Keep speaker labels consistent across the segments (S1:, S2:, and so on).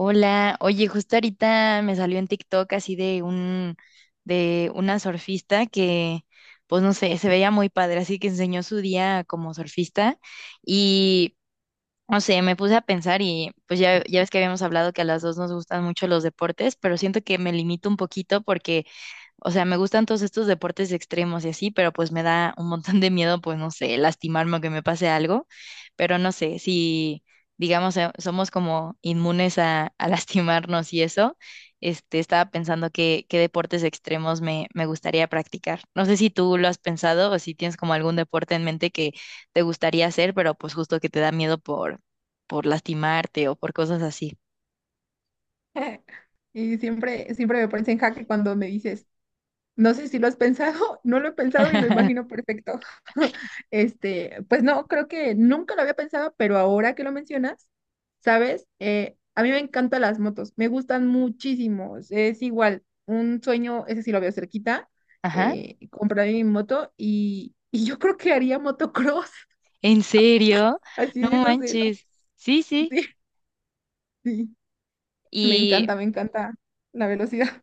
S1: Hola, oye, justo ahorita me salió en TikTok así de un de una surfista que pues no sé, se veía muy padre, así que enseñó su día como surfista y no sé, me puse a pensar y pues ya ves que habíamos hablado que a las dos nos gustan mucho los deportes, pero siento que me limito un poquito porque o sea, me gustan todos estos deportes extremos y así, pero pues me da un montón de miedo, pues no sé, lastimarme o que me pase algo, pero no sé, si digamos somos como inmunes a, lastimarnos y eso, este, estaba pensando qué deportes extremos me gustaría practicar. No sé si tú lo has pensado o si tienes como algún deporte en mente que te gustaría hacer, pero pues justo que te da miedo por lastimarte o por cosas así.
S2: Y siempre, siempre me pones en jaque cuando me dices, no sé si lo has pensado. No lo he pensado y lo imagino perfecto. Pues no, creo que nunca lo había pensado, pero ahora que lo mencionas, ¿sabes? A mí me encantan las motos, me gustan muchísimo. Es igual, un sueño, ese sí lo veo cerquita,
S1: Ajá.
S2: comprar mi moto y yo creo que haría motocross,
S1: ¿En serio?
S2: así
S1: No
S2: de esos de los...
S1: manches. Sí, sí.
S2: Sí, sí,
S1: Y,
S2: me encanta la velocidad.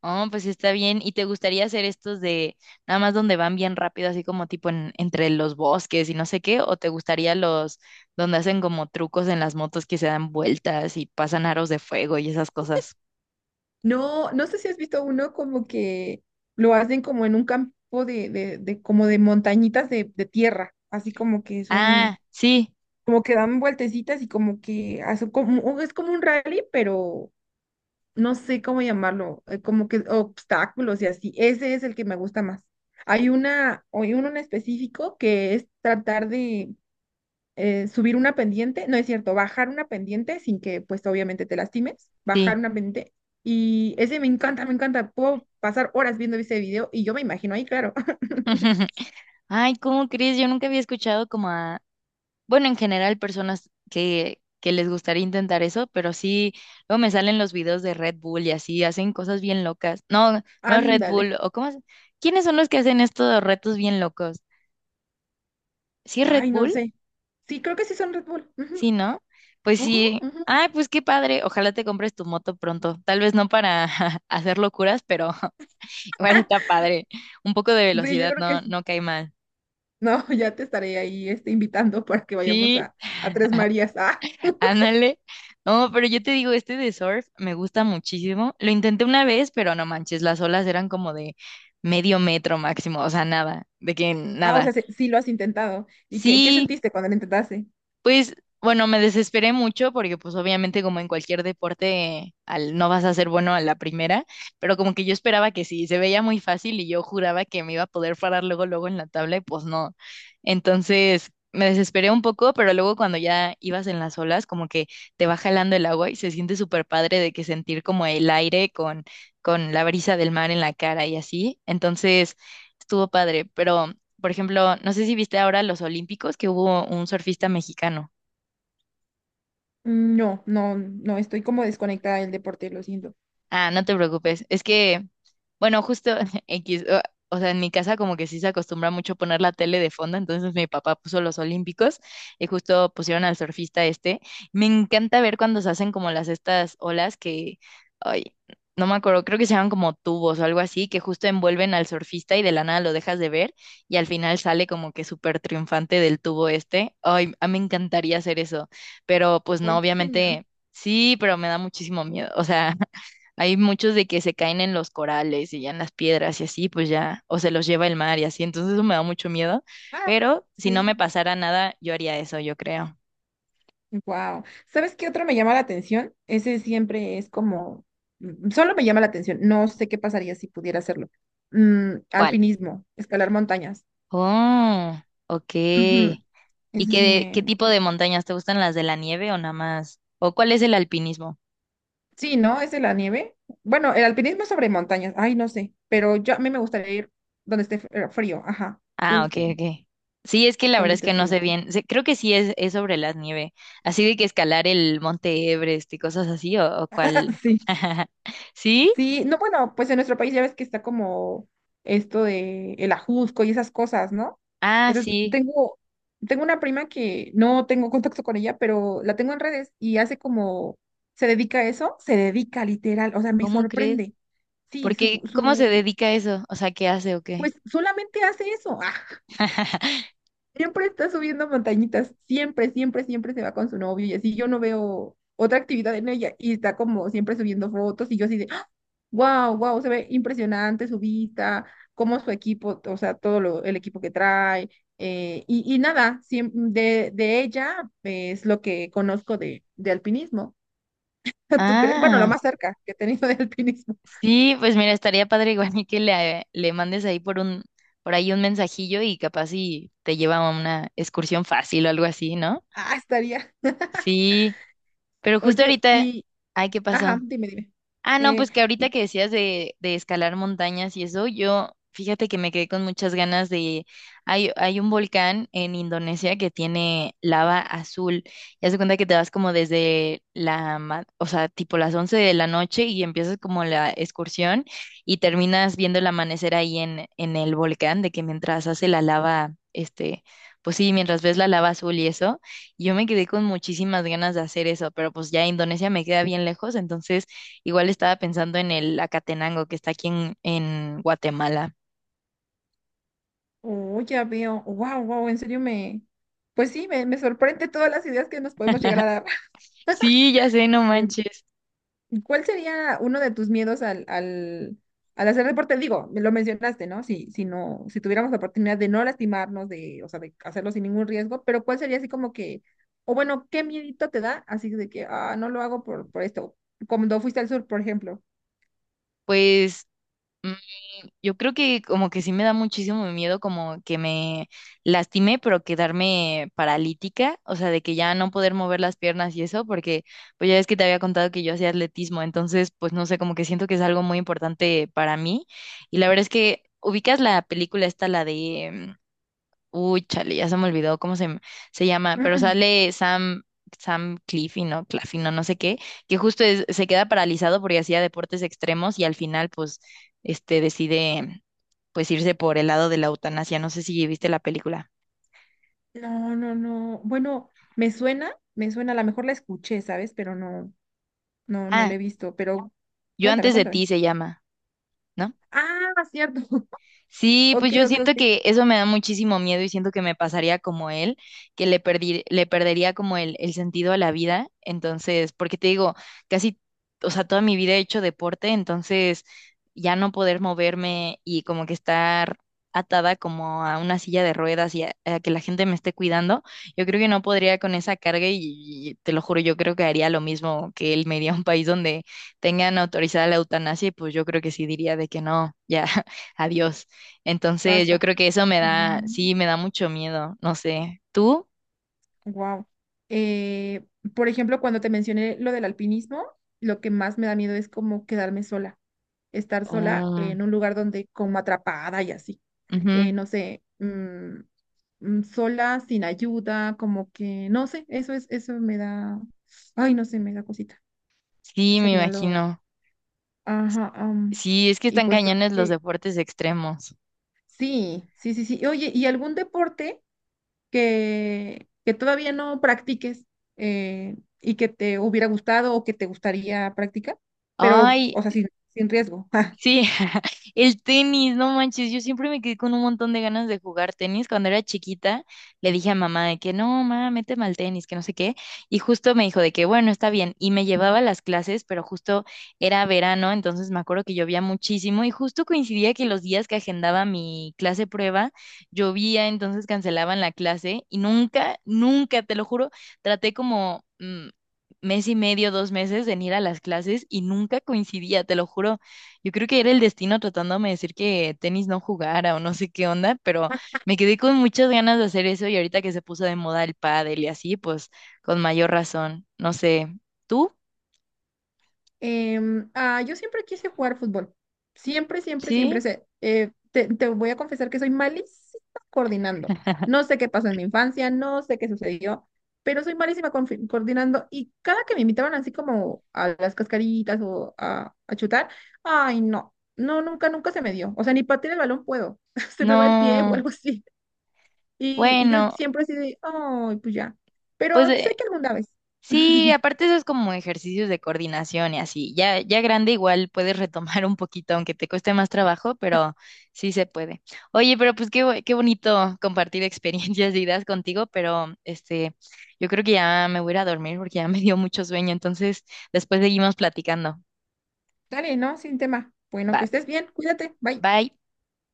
S1: oh, pues sí está bien. ¿Y te gustaría hacer estos de nada más donde van bien rápido, así como tipo entre los bosques y no sé qué? ¿O te gustaría los donde hacen como trucos en las motos que se dan vueltas y pasan aros de fuego y esas cosas?
S2: No, no sé si has visto uno como que lo hacen como en un campo de como de montañitas de tierra, así como que
S1: Ah,
S2: son,
S1: sí,
S2: como que dan vueltecitas y como que hacen como, o es como un rally, pero no sé cómo llamarlo, como que obstáculos y así. Ese es el que me gusta más. Hay uno en específico que es tratar de subir una pendiente, no es cierto, bajar una pendiente sin que pues obviamente te lastimes, bajar
S1: sí.
S2: una pendiente. Y ese me encanta, me encanta. Puedo pasar horas viendo ese video y yo me imagino ahí, claro.
S1: Ay, ¿cómo crees? Yo nunca había escuchado como bueno, en general, personas que les gustaría intentar eso, pero sí, luego me salen los videos de Red Bull y así, hacen cosas bien locas. No, no es Red Bull,
S2: Ándale.
S1: o cómo es- ¿Quiénes son los que hacen estos retos bien locos? ¿Sí es Red
S2: Ay, no
S1: Bull?
S2: sé. Sí, creo que sí son Red Bull. Ujú,
S1: Sí, ¿no? Pues
S2: ujú,
S1: sí.
S2: ujú.
S1: Ay, pues qué padre. Ojalá te compres tu moto pronto. Tal vez no para hacer locuras, pero igual está padre. Un poco de
S2: Sí, yo
S1: velocidad
S2: creo que
S1: no,
S2: sí.
S1: no cae mal.
S2: No, ya te estaré ahí invitando para que vayamos
S1: Sí.
S2: a Tres Marías. Ah,
S1: Ándale. No, pero yo te digo, este de surf me gusta muchísimo. Lo intenté una vez, pero no manches, las olas eran como de medio metro máximo, o sea, nada, de que
S2: ah, o
S1: nada.
S2: sea, sí lo has intentado. ¿Y qué, qué
S1: Sí,
S2: sentiste cuando lo intentaste?
S1: pues bueno, me desesperé mucho porque pues obviamente como en cualquier deporte no vas a ser bueno a la primera, pero como que yo esperaba que sí, se veía muy fácil y yo juraba que me iba a poder parar luego luego en la tabla y pues no. Entonces me desesperé un poco, pero luego cuando ya ibas en las olas como que te va jalando el agua y se siente súper padre de que sentir como el aire con, la brisa del mar en la cara y así. Entonces estuvo padre, pero... Por ejemplo, no sé si viste ahora los Olímpicos que hubo un surfista mexicano.
S2: Mm, no, no, no, estoy como desconectada del deporte, lo siento.
S1: Ah, no te preocupes. Es que, bueno, justo X, o sea, en mi casa como que sí se acostumbra mucho poner la tele de fondo, entonces mi papá puso los Olímpicos y justo pusieron al surfista este. Me encanta ver cuando se hacen como las estas olas que, ay, no me acuerdo, creo que se llaman como tubos o algo así, que justo envuelven al surfista y de la nada lo dejas de ver y al final sale como que súper triunfante del tubo este. Ay, a mí me encantaría hacer eso, pero pues no,
S2: Ay, qué genial.
S1: obviamente sí, pero me da muchísimo miedo, o sea. Hay muchos de que se caen en los corales y ya en las piedras y así, pues ya, o se los lleva el mar y así, entonces eso me da mucho miedo,
S2: Ah,
S1: pero si no me
S2: sí,
S1: pasara nada, yo haría eso, yo creo.
S2: wow. ¿Sabes qué otro me llama la atención? Ese siempre es como, mm, solo me llama la atención, no sé qué pasaría si pudiera hacerlo. Mm,
S1: ¿Cuál?
S2: alpinismo, escalar montañas.
S1: Oh, ok.
S2: Ujú,
S1: ¿Y
S2: ese sí
S1: qué,
S2: me...
S1: tipo de montañas? ¿Te gustan las de la nieve o nada más? ¿O cuál es el alpinismo?
S2: Sí, ¿no? ¿Es de la nieve? Bueno, el alpinismo es sobre montañas, ay, no sé, pero yo a mí me gustaría ir donde esté frío, ajá,
S1: Ah, ok,
S2: justo,
S1: ok. Sí, es que la verdad
S2: donde
S1: es
S2: esté
S1: que no
S2: frío.
S1: sé bien. Sé- Creo que sí es, sobre la nieve. Así de que escalar el Monte Everest y cosas así, o cuál.
S2: Sí.
S1: ¿Sí?
S2: Sí, no, bueno, pues en nuestro país ya ves que está como esto de el ajusco y esas cosas, ¿no?
S1: Ah,
S2: Entonces,
S1: sí.
S2: tengo una prima que no tengo contacto con ella, pero la tengo en redes y hace como, se dedica a eso, se dedica literal, o sea, me
S1: ¿Cómo crees?
S2: sorprende. Sí,
S1: Porque, ¿cómo se dedica a eso? O sea, ¿qué hace o qué?
S2: pues solamente hace eso. Siempre está subiendo montañitas, siempre, siempre, siempre se va con su novio y así yo no veo otra actividad en ella y está como siempre subiendo fotos y yo así de, wow, wow, se ve impresionante su vista, cómo su equipo, o sea, todo lo, el equipo que trae y nada, de ella es lo que conozco de alpinismo. ¿Tú crees? Bueno,
S1: Ah,
S2: lo más cerca que he tenido de alpinismo.
S1: sí, pues mira, estaría padre igual y que le, mandes ahí por ahí un mensajillo y capaz y te lleva a una excursión fácil o algo así, ¿no?
S2: Ah, estaría.
S1: Sí, pero justo
S2: Oye,
S1: ahorita,
S2: y,
S1: ay, ¿qué pasó?
S2: ajá, dime, dime.
S1: Ah, no,
S2: Eh,
S1: pues que ahorita
S2: ¿y
S1: que decías de escalar montañas y eso, yo fíjate que me quedé con muchas ganas de... Hay un volcán en Indonesia que tiene lava azul. Ya se cuenta que te vas como desde la... O sea, tipo las 11 de la noche y empiezas como la excursión y terminas viendo el amanecer ahí en, el volcán, de que mientras hace la lava, este... Pues sí, mientras ves la lava azul y eso, yo me quedé con muchísimas ganas de hacer eso, pero pues ya Indonesia me queda bien lejos, entonces... Igual estaba pensando en el Acatenango que está aquí en Guatemala.
S2: oh, ya veo. Wow, wow, en serio me. Pues sí, me sorprende todas las ideas que nos podemos llegar a dar.
S1: Sí, ya sé, no manches.
S2: ¿Cuál sería uno de tus miedos al hacer deporte? Digo, me lo mencionaste, ¿no? Si, si no, si tuviéramos la oportunidad de no lastimarnos, de, o sea, de hacerlo sin ningún riesgo, pero ¿cuál sería así como que, o bueno, qué miedito te da? Así de que, ah, no lo hago por esto. Cuando fuiste al sur, por ejemplo.
S1: Pues mm, yo creo que como que sí me da muchísimo miedo como que me lastime, pero quedarme paralítica, o sea, de que ya no poder mover las piernas y eso, porque pues ya es que te había contado que yo hacía atletismo, entonces pues no sé, como que siento que es algo muy importante para mí. Y la verdad es que ubicas la película esta, la de Uy, chale, ya se me olvidó cómo se llama, pero sale Sam Cliffy, ¿no? Claffy, no, no sé qué, que justo es- se queda paralizado porque hacía deportes extremos y al final, pues, este, decide, pues, irse por el lado de la eutanasia. No sé si viste la película.
S2: Mm, mm. No, no, no. Bueno, me suena, a lo mejor la escuché, ¿sabes? Pero no. No, no
S1: Ah,
S2: le he visto, pero
S1: Yo
S2: cuéntame,
S1: antes de
S2: cuéntame.
S1: ti se llama, ¿no?
S2: Ah, cierto.
S1: Sí, pues
S2: Ok,
S1: yo
S2: ok,
S1: siento
S2: ok.
S1: que eso me da muchísimo miedo y siento que me pasaría como él, que le perdería como el, sentido a la vida. Entonces, porque te digo, casi, o sea, toda mi vida he hecho deporte, entonces ya no poder moverme y como que estar atada como a una silla de ruedas y a que la gente me esté cuidando, yo creo que no podría con esa carga y te lo juro, yo creo que haría lo mismo que él me iría a un país donde tengan autorizada la eutanasia y pues yo creo que sí diría de que no, ya, adiós. Entonces yo
S2: Basta.
S1: creo que eso me da, sí, me da mucho miedo, no sé. ¿Tú?
S2: Wow. Por ejemplo, cuando te mencioné lo del alpinismo, lo que más me da miedo es como quedarme sola, estar sola
S1: Oh,
S2: en un lugar donde como atrapada y así.
S1: ujú.
S2: No sé, sola, sin ayuda, como que, no sé, eso es, eso me da, ay, no sé, me da cosita.
S1: Sí, me
S2: Sería lo,
S1: imagino.
S2: ajá,
S1: Sí, es que
S2: y
S1: están
S2: pues
S1: cañones los
S2: creo
S1: deportes extremos.
S2: sí, sí, sí, sí. Oye, ¿y algún deporte que todavía no practiques y que te hubiera gustado o que te gustaría practicar? Pero,
S1: Ay,
S2: o sea, sin, sin riesgo.
S1: sí, el tenis, no manches, yo siempre me quedé con un montón de ganas de jugar tenis. Cuando era chiquita, le dije a mamá de que no, mamá, méteme al tenis, que no sé qué. Y justo me dijo de que bueno, está bien. Y me llevaba a las clases, pero justo era verano, entonces me acuerdo que llovía muchísimo y justo coincidía que los días que agendaba mi clase prueba, llovía, entonces cancelaban la clase y nunca, nunca, te lo juro, traté como... mes y medio, 2 meses en ir a las clases y nunca coincidía, te lo juro. Yo creo que era el destino tratándome de decir que tenis no jugara o no sé qué onda, pero me quedé con muchas ganas de hacer eso y ahorita que se puso de moda el pádel y así, pues con mayor razón. No sé, ¿tú?
S2: Ah, yo siempre quise jugar fútbol. Siempre, siempre,
S1: ¿Sí?
S2: siempre sé. Te te voy a confesar que soy malísima coordinando. No sé qué pasó en mi infancia, no sé qué sucedió, pero soy malísima coordinando. Y cada que me invitaban así como a las cascaritas o a chutar, ay, no, no, nunca, nunca se me dio. O sea, ni patear el balón puedo. Se me va el pie o
S1: No,
S2: algo así. Y yo
S1: bueno,
S2: siempre así de, ay, pues ya.
S1: pues
S2: Pero sé que alguna vez.
S1: sí, aparte eso es como ejercicios de coordinación y así. Ya, ya grande igual puedes retomar un poquito, aunque te cueste más trabajo, pero sí se puede. Oye, pero pues qué bonito compartir experiencias y ideas contigo, pero este, yo creo que ya me voy a ir a dormir porque ya me dio mucho sueño, entonces después seguimos platicando.
S2: Dale, ¿no? Sin tema. Bueno,
S1: Va,
S2: que estés bien. Cuídate. Bye.
S1: bye.